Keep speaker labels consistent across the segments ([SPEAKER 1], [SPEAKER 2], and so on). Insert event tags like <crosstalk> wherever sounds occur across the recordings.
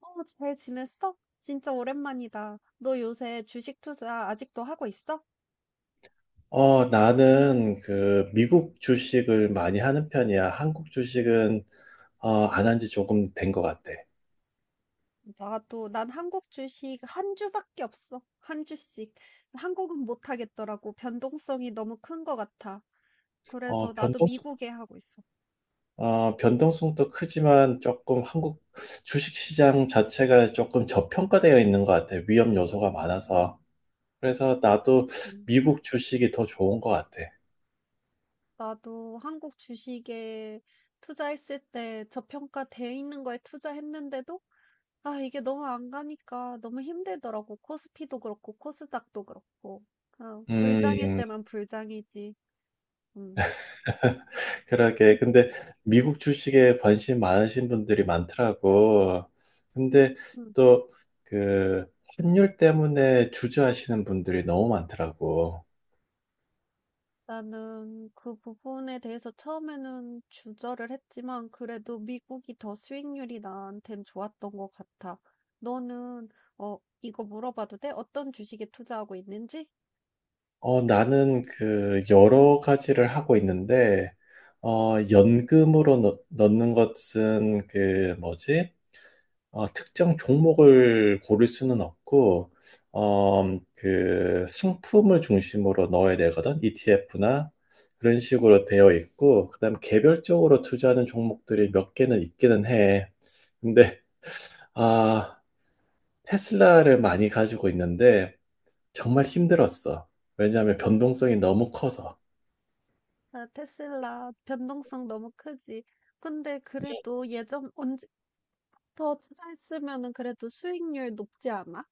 [SPEAKER 1] 어, 잘 지냈어? 진짜 오랜만이다. 너 요새 주식 투자 아직도 하고 있어?
[SPEAKER 2] 나는 그 미국 주식을 많이 하는 편이야. 한국 주식은 안 한 지 조금 된 것 같아.
[SPEAKER 1] 나도, 난 한국 주식 한 주밖에 없어. 한 주씩. 한국은 못 하겠더라고. 변동성이 너무 큰 것 같아. 그래서
[SPEAKER 2] 어,
[SPEAKER 1] 나도
[SPEAKER 2] 변동성,
[SPEAKER 1] 미국에 하고 있어.
[SPEAKER 2] 변동성도 크지만 조금 한국 주식 시장 자체가 조금 저평가되어 있는 것 같아. 위험 요소가 많아서. 그래서 나도
[SPEAKER 1] 음,
[SPEAKER 2] 미국 주식이 더 좋은 것 같아.
[SPEAKER 1] 나도 한국 주식에 투자했을 때 저평가돼 있는 거에 투자했는데도 아, 이게 너무 안 가니까 너무 힘들더라고. 코스피도 그렇고 코스닥도 그렇고. 아, 불장일
[SPEAKER 2] 음,
[SPEAKER 1] 때만 불장이지. 음.
[SPEAKER 2] 그러게. 근데 미국 주식에 관심 많으신 분들이 많더라고. 근데
[SPEAKER 1] 음.
[SPEAKER 2] 또 그 환율 때문에 주저하시는 분들이 너무 많더라고.
[SPEAKER 1] 나는 그 부분에 대해서 처음에는 주저를 했지만 그래도 미국이 더 수익률이 나한텐 좋았던 것 같아. 너는 이거 물어봐도 돼? 어떤 주식에 투자하고 있는지?
[SPEAKER 2] 나는 그 여러 가지를 하고 있는데,
[SPEAKER 1] 음.
[SPEAKER 2] 연금으로 넣, 는 것은 그 뭐지? 특정 종목을 고를 수는 없고, 그 상품을 중심으로 넣어야 되거든. ETF나 그런 식으로 되어 있고, 그다음 개별적으로 투자하는 종목들이 몇 개는 있기는 해. 근데 아, 테슬라를 많이 가지고 있는데 정말 힘들었어. 왜냐하면 변동성이 너무 커서.
[SPEAKER 1] 아, 테슬라 변동성 너무 크지. 근데 그래도 예전 언제부터 투자했으면은 그래도 수익률 높지 않아?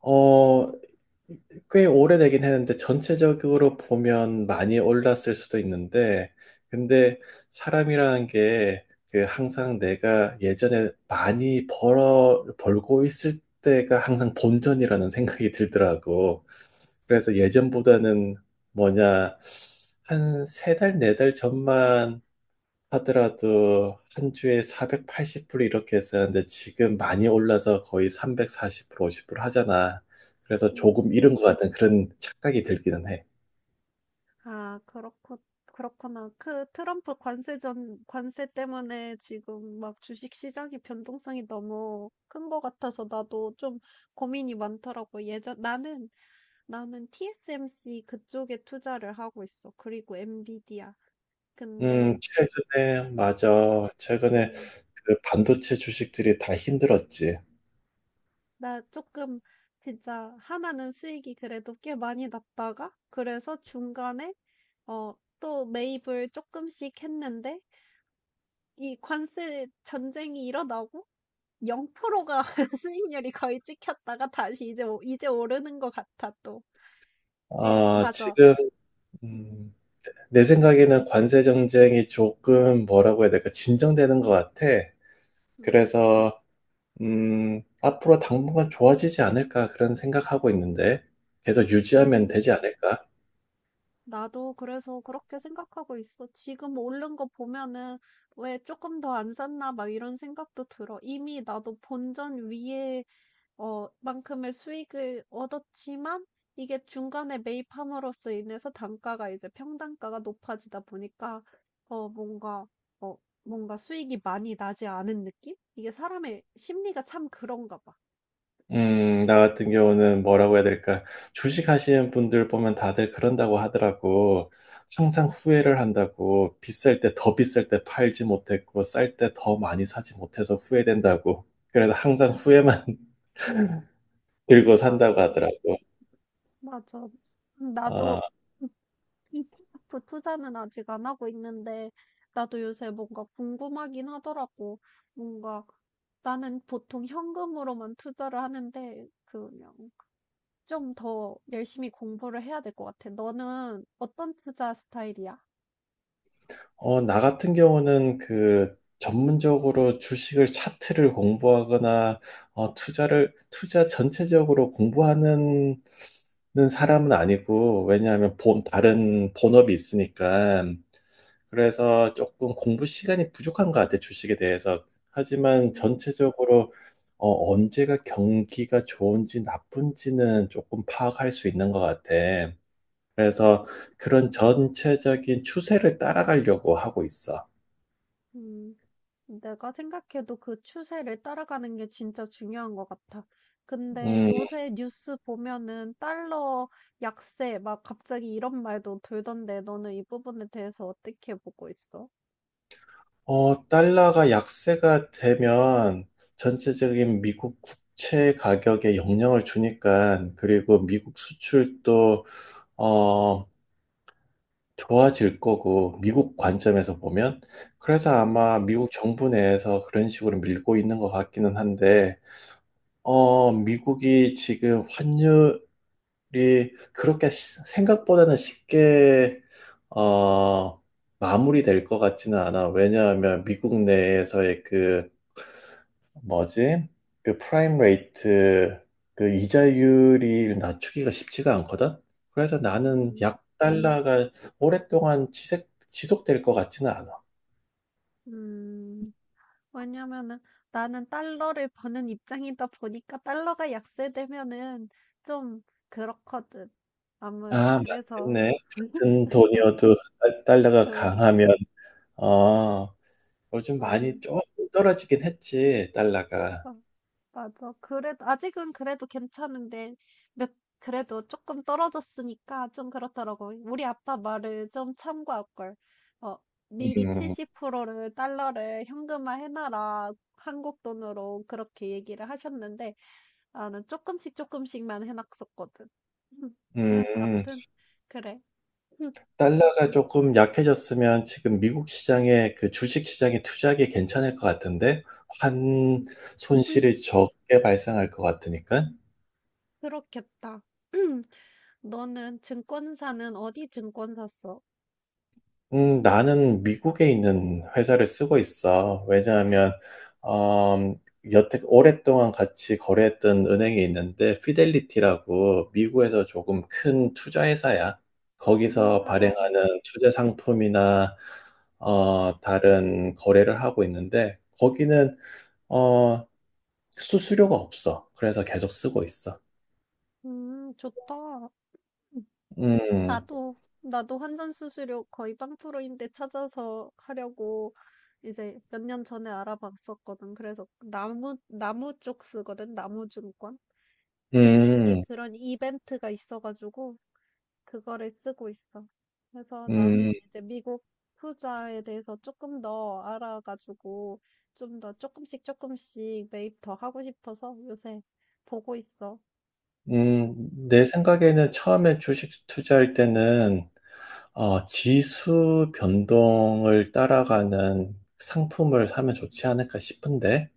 [SPEAKER 2] 어, 꽤 오래되긴 했는데 전체적으로 보면 많이 올랐을 수도 있는데 근데 사람이라는 게그 항상 내가 예전에 많이 벌어 벌고 있을 때가 항상 본전이라는 생각이 들더라고. 그래서 예전보다는 뭐냐 한 세 달, 네 달 전만 하더라도 한 주에 480불 이렇게 했었는데 지금 많이 올라서 거의 340불, 50불 하잖아. 그래서 조금
[SPEAKER 1] 음.
[SPEAKER 2] 잃은 것 같은 그런 착각이 들기는 해.
[SPEAKER 1] 아, 그렇구나. 그 트럼프 관세 때문에 지금 막 주식 시장의 변동성이 너무 큰 것 같아서 나도 좀 고민이 많더라고. 나는 TSMC 그쪽에 투자를 하고 있어. 그리고 엔비디아. 근데,
[SPEAKER 2] 맞아.
[SPEAKER 1] 어,
[SPEAKER 2] 최근에 그 반도체 주식들이 다 힘들었지.
[SPEAKER 1] 나 조금 진짜 하나는 수익이 그래도 꽤 많이 났다가 그래서 중간에 어, 또 매입을 조금씩 했는데 이 관세 전쟁이 일어나고 0%가 <laughs> 수익률이 거의 찍혔다가 다시 이제 오 이제 오르는 것 같아 또. 네
[SPEAKER 2] 아,
[SPEAKER 1] 맞아.
[SPEAKER 2] 지금,
[SPEAKER 1] 음.
[SPEAKER 2] 음, 내 생각에는 관세 정쟁이 조금 뭐라고 해야 될까, 진정되는 것 같아.
[SPEAKER 1] 음.
[SPEAKER 2] 그래서 앞으로 당분간 좋아지지 않을까 그런 생각하고 있는데 계속 유지하면 되지
[SPEAKER 1] 음.
[SPEAKER 2] 않을까?
[SPEAKER 1] 나도 그래서 그렇게 생각하고 있어. 지금 오른 거 보면은 '왜 조금 더 안 샀나?' 막 이런 생각도 들어. 이미 나도 본전 위에 만큼의 수익을 얻었지만 이게 중간에 매입함으로써 인해서 단가가 이제 평단가가 높아지다 보니까 어 뭔가 어 뭔가 수익이 많이 나지 않은 느낌? 이게 사람의 심리가 참 그런가 봐.
[SPEAKER 2] 나 같은 경우는 뭐라고 해야 될까? 주식 하시는 분들 보면 다들 그런다고 하더라고. 항상 후회를 한다고. 비쌀 때 더 비쌀 때 팔지 못했고, 쌀 때 더 많이 사지 못해서 후회된다고. 그래서 항상 후회만 <laughs> 들고 산다고
[SPEAKER 1] 맞아.
[SPEAKER 2] 하더라고.
[SPEAKER 1] 맞아.
[SPEAKER 2] 어,
[SPEAKER 1] 나도 ETF 투자는 아직 안 하고 있는데 나도 요새 뭔가 궁금하긴 하더라고. 뭔가 나는 보통 현금으로만 투자를 하는데 그 그냥 좀 더 열심히 공부를 해야 될 것 같아. 너는 어떤 투자 스타일이야?
[SPEAKER 2] 나 같은 경우는 그 전문적으로 주식을 차트를 공부하거나 투자 전체적으로 공부하는 는 사람은 아니고 왜냐하면 본 다른 본업이 있으니까 그래서 조금 공부 시간이 부족한 것 같아 주식에 대해서. 하지만
[SPEAKER 1] 음,
[SPEAKER 2] 전체적으로 언제가 경기가 좋은지 나쁜지는 조금 파악할 수 있는 것 같아. 그래서 그런 전체적인 추세를 따라가려고 하고 있어.
[SPEAKER 1] 음, 내가 생각해도 그 추세를 따라가는 게 진짜 중요한 것 같아. 근데
[SPEAKER 2] 음,
[SPEAKER 1] 요새 뉴스 보면은 달러 약세 막 갑자기 이런 말도 돌던데 너는 이 부분에 대해서 어떻게 보고 있어?
[SPEAKER 2] 달러가 약세가 되면 전체적인 미국 국채 가격에 영향을 주니까, 그리고 미국 수출도, 어, 좋아질 거고, 미국 관점에서 보면. 그래서
[SPEAKER 1] 음,
[SPEAKER 2] 아마 미국 정부 내에서 그런 식으로 밀고 있는 것 같기는 한데, 미국이 지금 환율이 그렇게 생각보다는 쉽게, 어, 마무리될 것 같지는 않아. 왜냐하면 미국 내에서의 그 뭐지? 그 프라임 레이트 그 이자율이 낮추기가 쉽지가 않거든. 그래서 나는
[SPEAKER 1] 음,
[SPEAKER 2] 약 달러가 오랫동안 지속될 것 같지는 않아.
[SPEAKER 1] 음. 왜냐면은 나는 달러를 버는 입장이다 보니까 달러가 약세되면은 좀 그렇거든. 아무
[SPEAKER 2] 아,
[SPEAKER 1] 그래서
[SPEAKER 2] 맞겠네. 같은 돈이어도 달러가
[SPEAKER 1] 응,
[SPEAKER 2] 강하면 어, 요즘 많이
[SPEAKER 1] 응,
[SPEAKER 2] 조금 떨어지긴 했지, 달러가.
[SPEAKER 1] 어, 맞아. 그래도 아직은 그래도 괜찮은데 몇 그래도 조금 떨어졌으니까 좀 그렇더라고. 우리 아빠 말을 좀 참고할 걸. 어, 미리
[SPEAKER 2] 음.
[SPEAKER 1] 70%를 달러를 현금화 해놔라. 한국 돈으로 그렇게 얘기를 하셨는데 나는 조금씩 조금씩만 해 놨었거든. 음. 그래서
[SPEAKER 2] 음.
[SPEAKER 1] 암튼 그래. 음
[SPEAKER 2] 달러가 조금 약해졌으면 지금 미국 시장에 그 주식 시장에 투자하기 괜찮을 것 같은데 환
[SPEAKER 1] 음 음
[SPEAKER 2] 손실이 적게 발생할 것 같으니까.
[SPEAKER 1] 그렇겠다. 음, 너는 증권사는 어디 증권사 써?
[SPEAKER 2] 나는 미국에 있는 회사를 쓰고 있어. 왜냐하면 음, 여태 오랫동안 같이 거래했던 은행이 있는데 피델리티라고 미국에서 조금 큰 투자 회사야. 거기서
[SPEAKER 1] 아 알아.
[SPEAKER 2] 발행하는 투자 상품이나 다른 거래를 하고 있는데 거기는 어, 수수료가 없어. 그래서 계속 쓰고 있어.
[SPEAKER 1] 좋다. 음
[SPEAKER 2] 음.
[SPEAKER 1] 나도 환전 수수료 거의 로인데 찾아서 하려고 이제 몇 년 전에 알아봤었거든. 그래서 나무 쪽 쓰거든, 나무증권. 그 시기에
[SPEAKER 2] 음.
[SPEAKER 1] 그런 이벤트가 있어 가지고 그거를 쓰고 있어. 그래서 나는
[SPEAKER 2] 음.
[SPEAKER 1] 이제 미국 투자에 대해서 조금 더 알아가지고 좀 더 조금씩 조금씩 매입 더 하고 싶어서 요새 보고 있어. 음,
[SPEAKER 2] 음. 내 생각에는 처음에 주식 투자할 때는 지수 변동을 따라가는 상품을 사면 좋지 않을까 싶은데,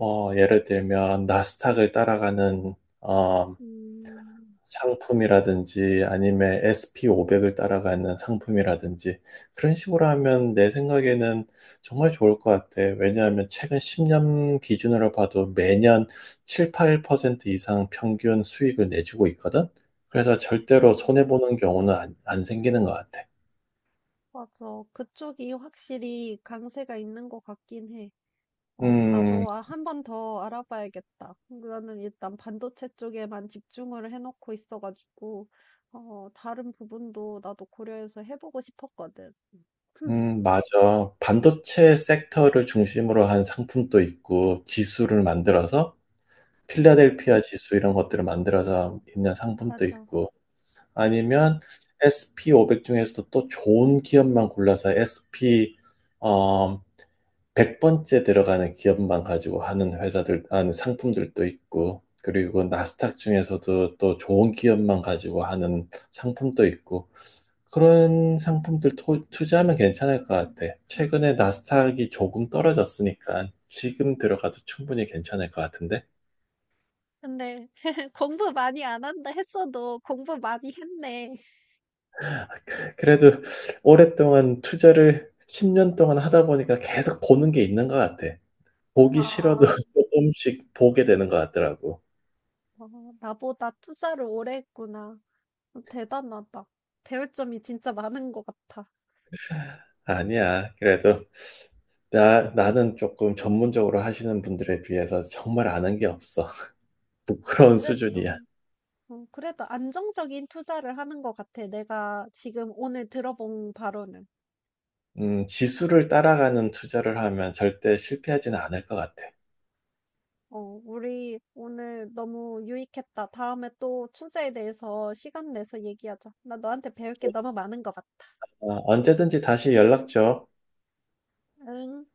[SPEAKER 2] 예를 들면 나스닥을 따라가는 어,
[SPEAKER 1] 음,
[SPEAKER 2] 상품이라든지 아니면 SP500을 따라가는 상품이라든지 그런 식으로 하면 내 생각에는 정말 좋을 것 같아. 왜냐하면 최근 10년 기준으로 봐도 매년 7, 8% 이상 평균 수익을 내주고 있거든. 그래서 절대로
[SPEAKER 1] 음,
[SPEAKER 2] 손해보는 경우는 안 생기는 것 같아.
[SPEAKER 1] 맞아. 그쪽이 확실히 강세가 있는 것 같긴 해.
[SPEAKER 2] 음.
[SPEAKER 1] 나도 아, 한 번 더 알아봐야겠다. 나는 일단 반도체 쪽에만 집중을 해놓고 있어가지고, 다른 부분도 나도 고려해서 해보고 싶었거든. <clears throat>
[SPEAKER 2] 맞아. 반도체 섹터를 중심으로 한 상품도 있고, 지수를 만들어서,
[SPEAKER 1] 음.
[SPEAKER 2] 필라델피아 지수 이런 것들을 만들어서 있는 상품도
[SPEAKER 1] 맞아.
[SPEAKER 2] 있고,
[SPEAKER 1] 음.
[SPEAKER 2] 아니면 SP500 중에서도 또 좋은 기업만 골라서 SP 어, 100번째 들어가는 기업만 가지고 하는 회사들, 하는 상품들도 있고, 그리고 나스닥 중에서도 또 좋은 기업만 가지고 하는 상품도 있고, 그런 상품들 투자하면 괜찮을 것 같아. 최근에 나스닥이 조금
[SPEAKER 1] 음.
[SPEAKER 2] 떨어졌으니까 지금 들어가도 충분히 괜찮을 것 같은데.
[SPEAKER 1] 근데 <laughs> 공부 많이 안 한다 했어도 공부 많이 했네.
[SPEAKER 2] 그래도 오랫동안 투자를 10년 동안 하다 보니까 계속 보는 게 있는 것 같아. 보기 싫어도
[SPEAKER 1] 아,
[SPEAKER 2] <laughs> 조금씩 보게 되는 것 같더라고.
[SPEAKER 1] 어, 나보다 투자를 오래 했구나. 대단하다. 배울 점이 진짜 많은 것 같아.
[SPEAKER 2] 아니야. 그래도 나는 조금 전문적으로 하시는 분들에 비해서 정말 아는 게 없어. <laughs> 부끄러운
[SPEAKER 1] 그래도,
[SPEAKER 2] 수준이야.
[SPEAKER 1] 그래도 안정적인 투자를 하는 것 같아. 내가 지금 오늘 들어본 바로는.
[SPEAKER 2] 지수를 따라가는 투자를 하면 절대 실패하지는 않을 것 같아.
[SPEAKER 1] 우리 오늘 너무 유익했다. 다음에 또 투자에 대해서 시간 내서 얘기하자. 나 너한테 배울 게 너무 많은 것 같아.
[SPEAKER 2] 언제든지 다시 연락 줘.
[SPEAKER 1] 응.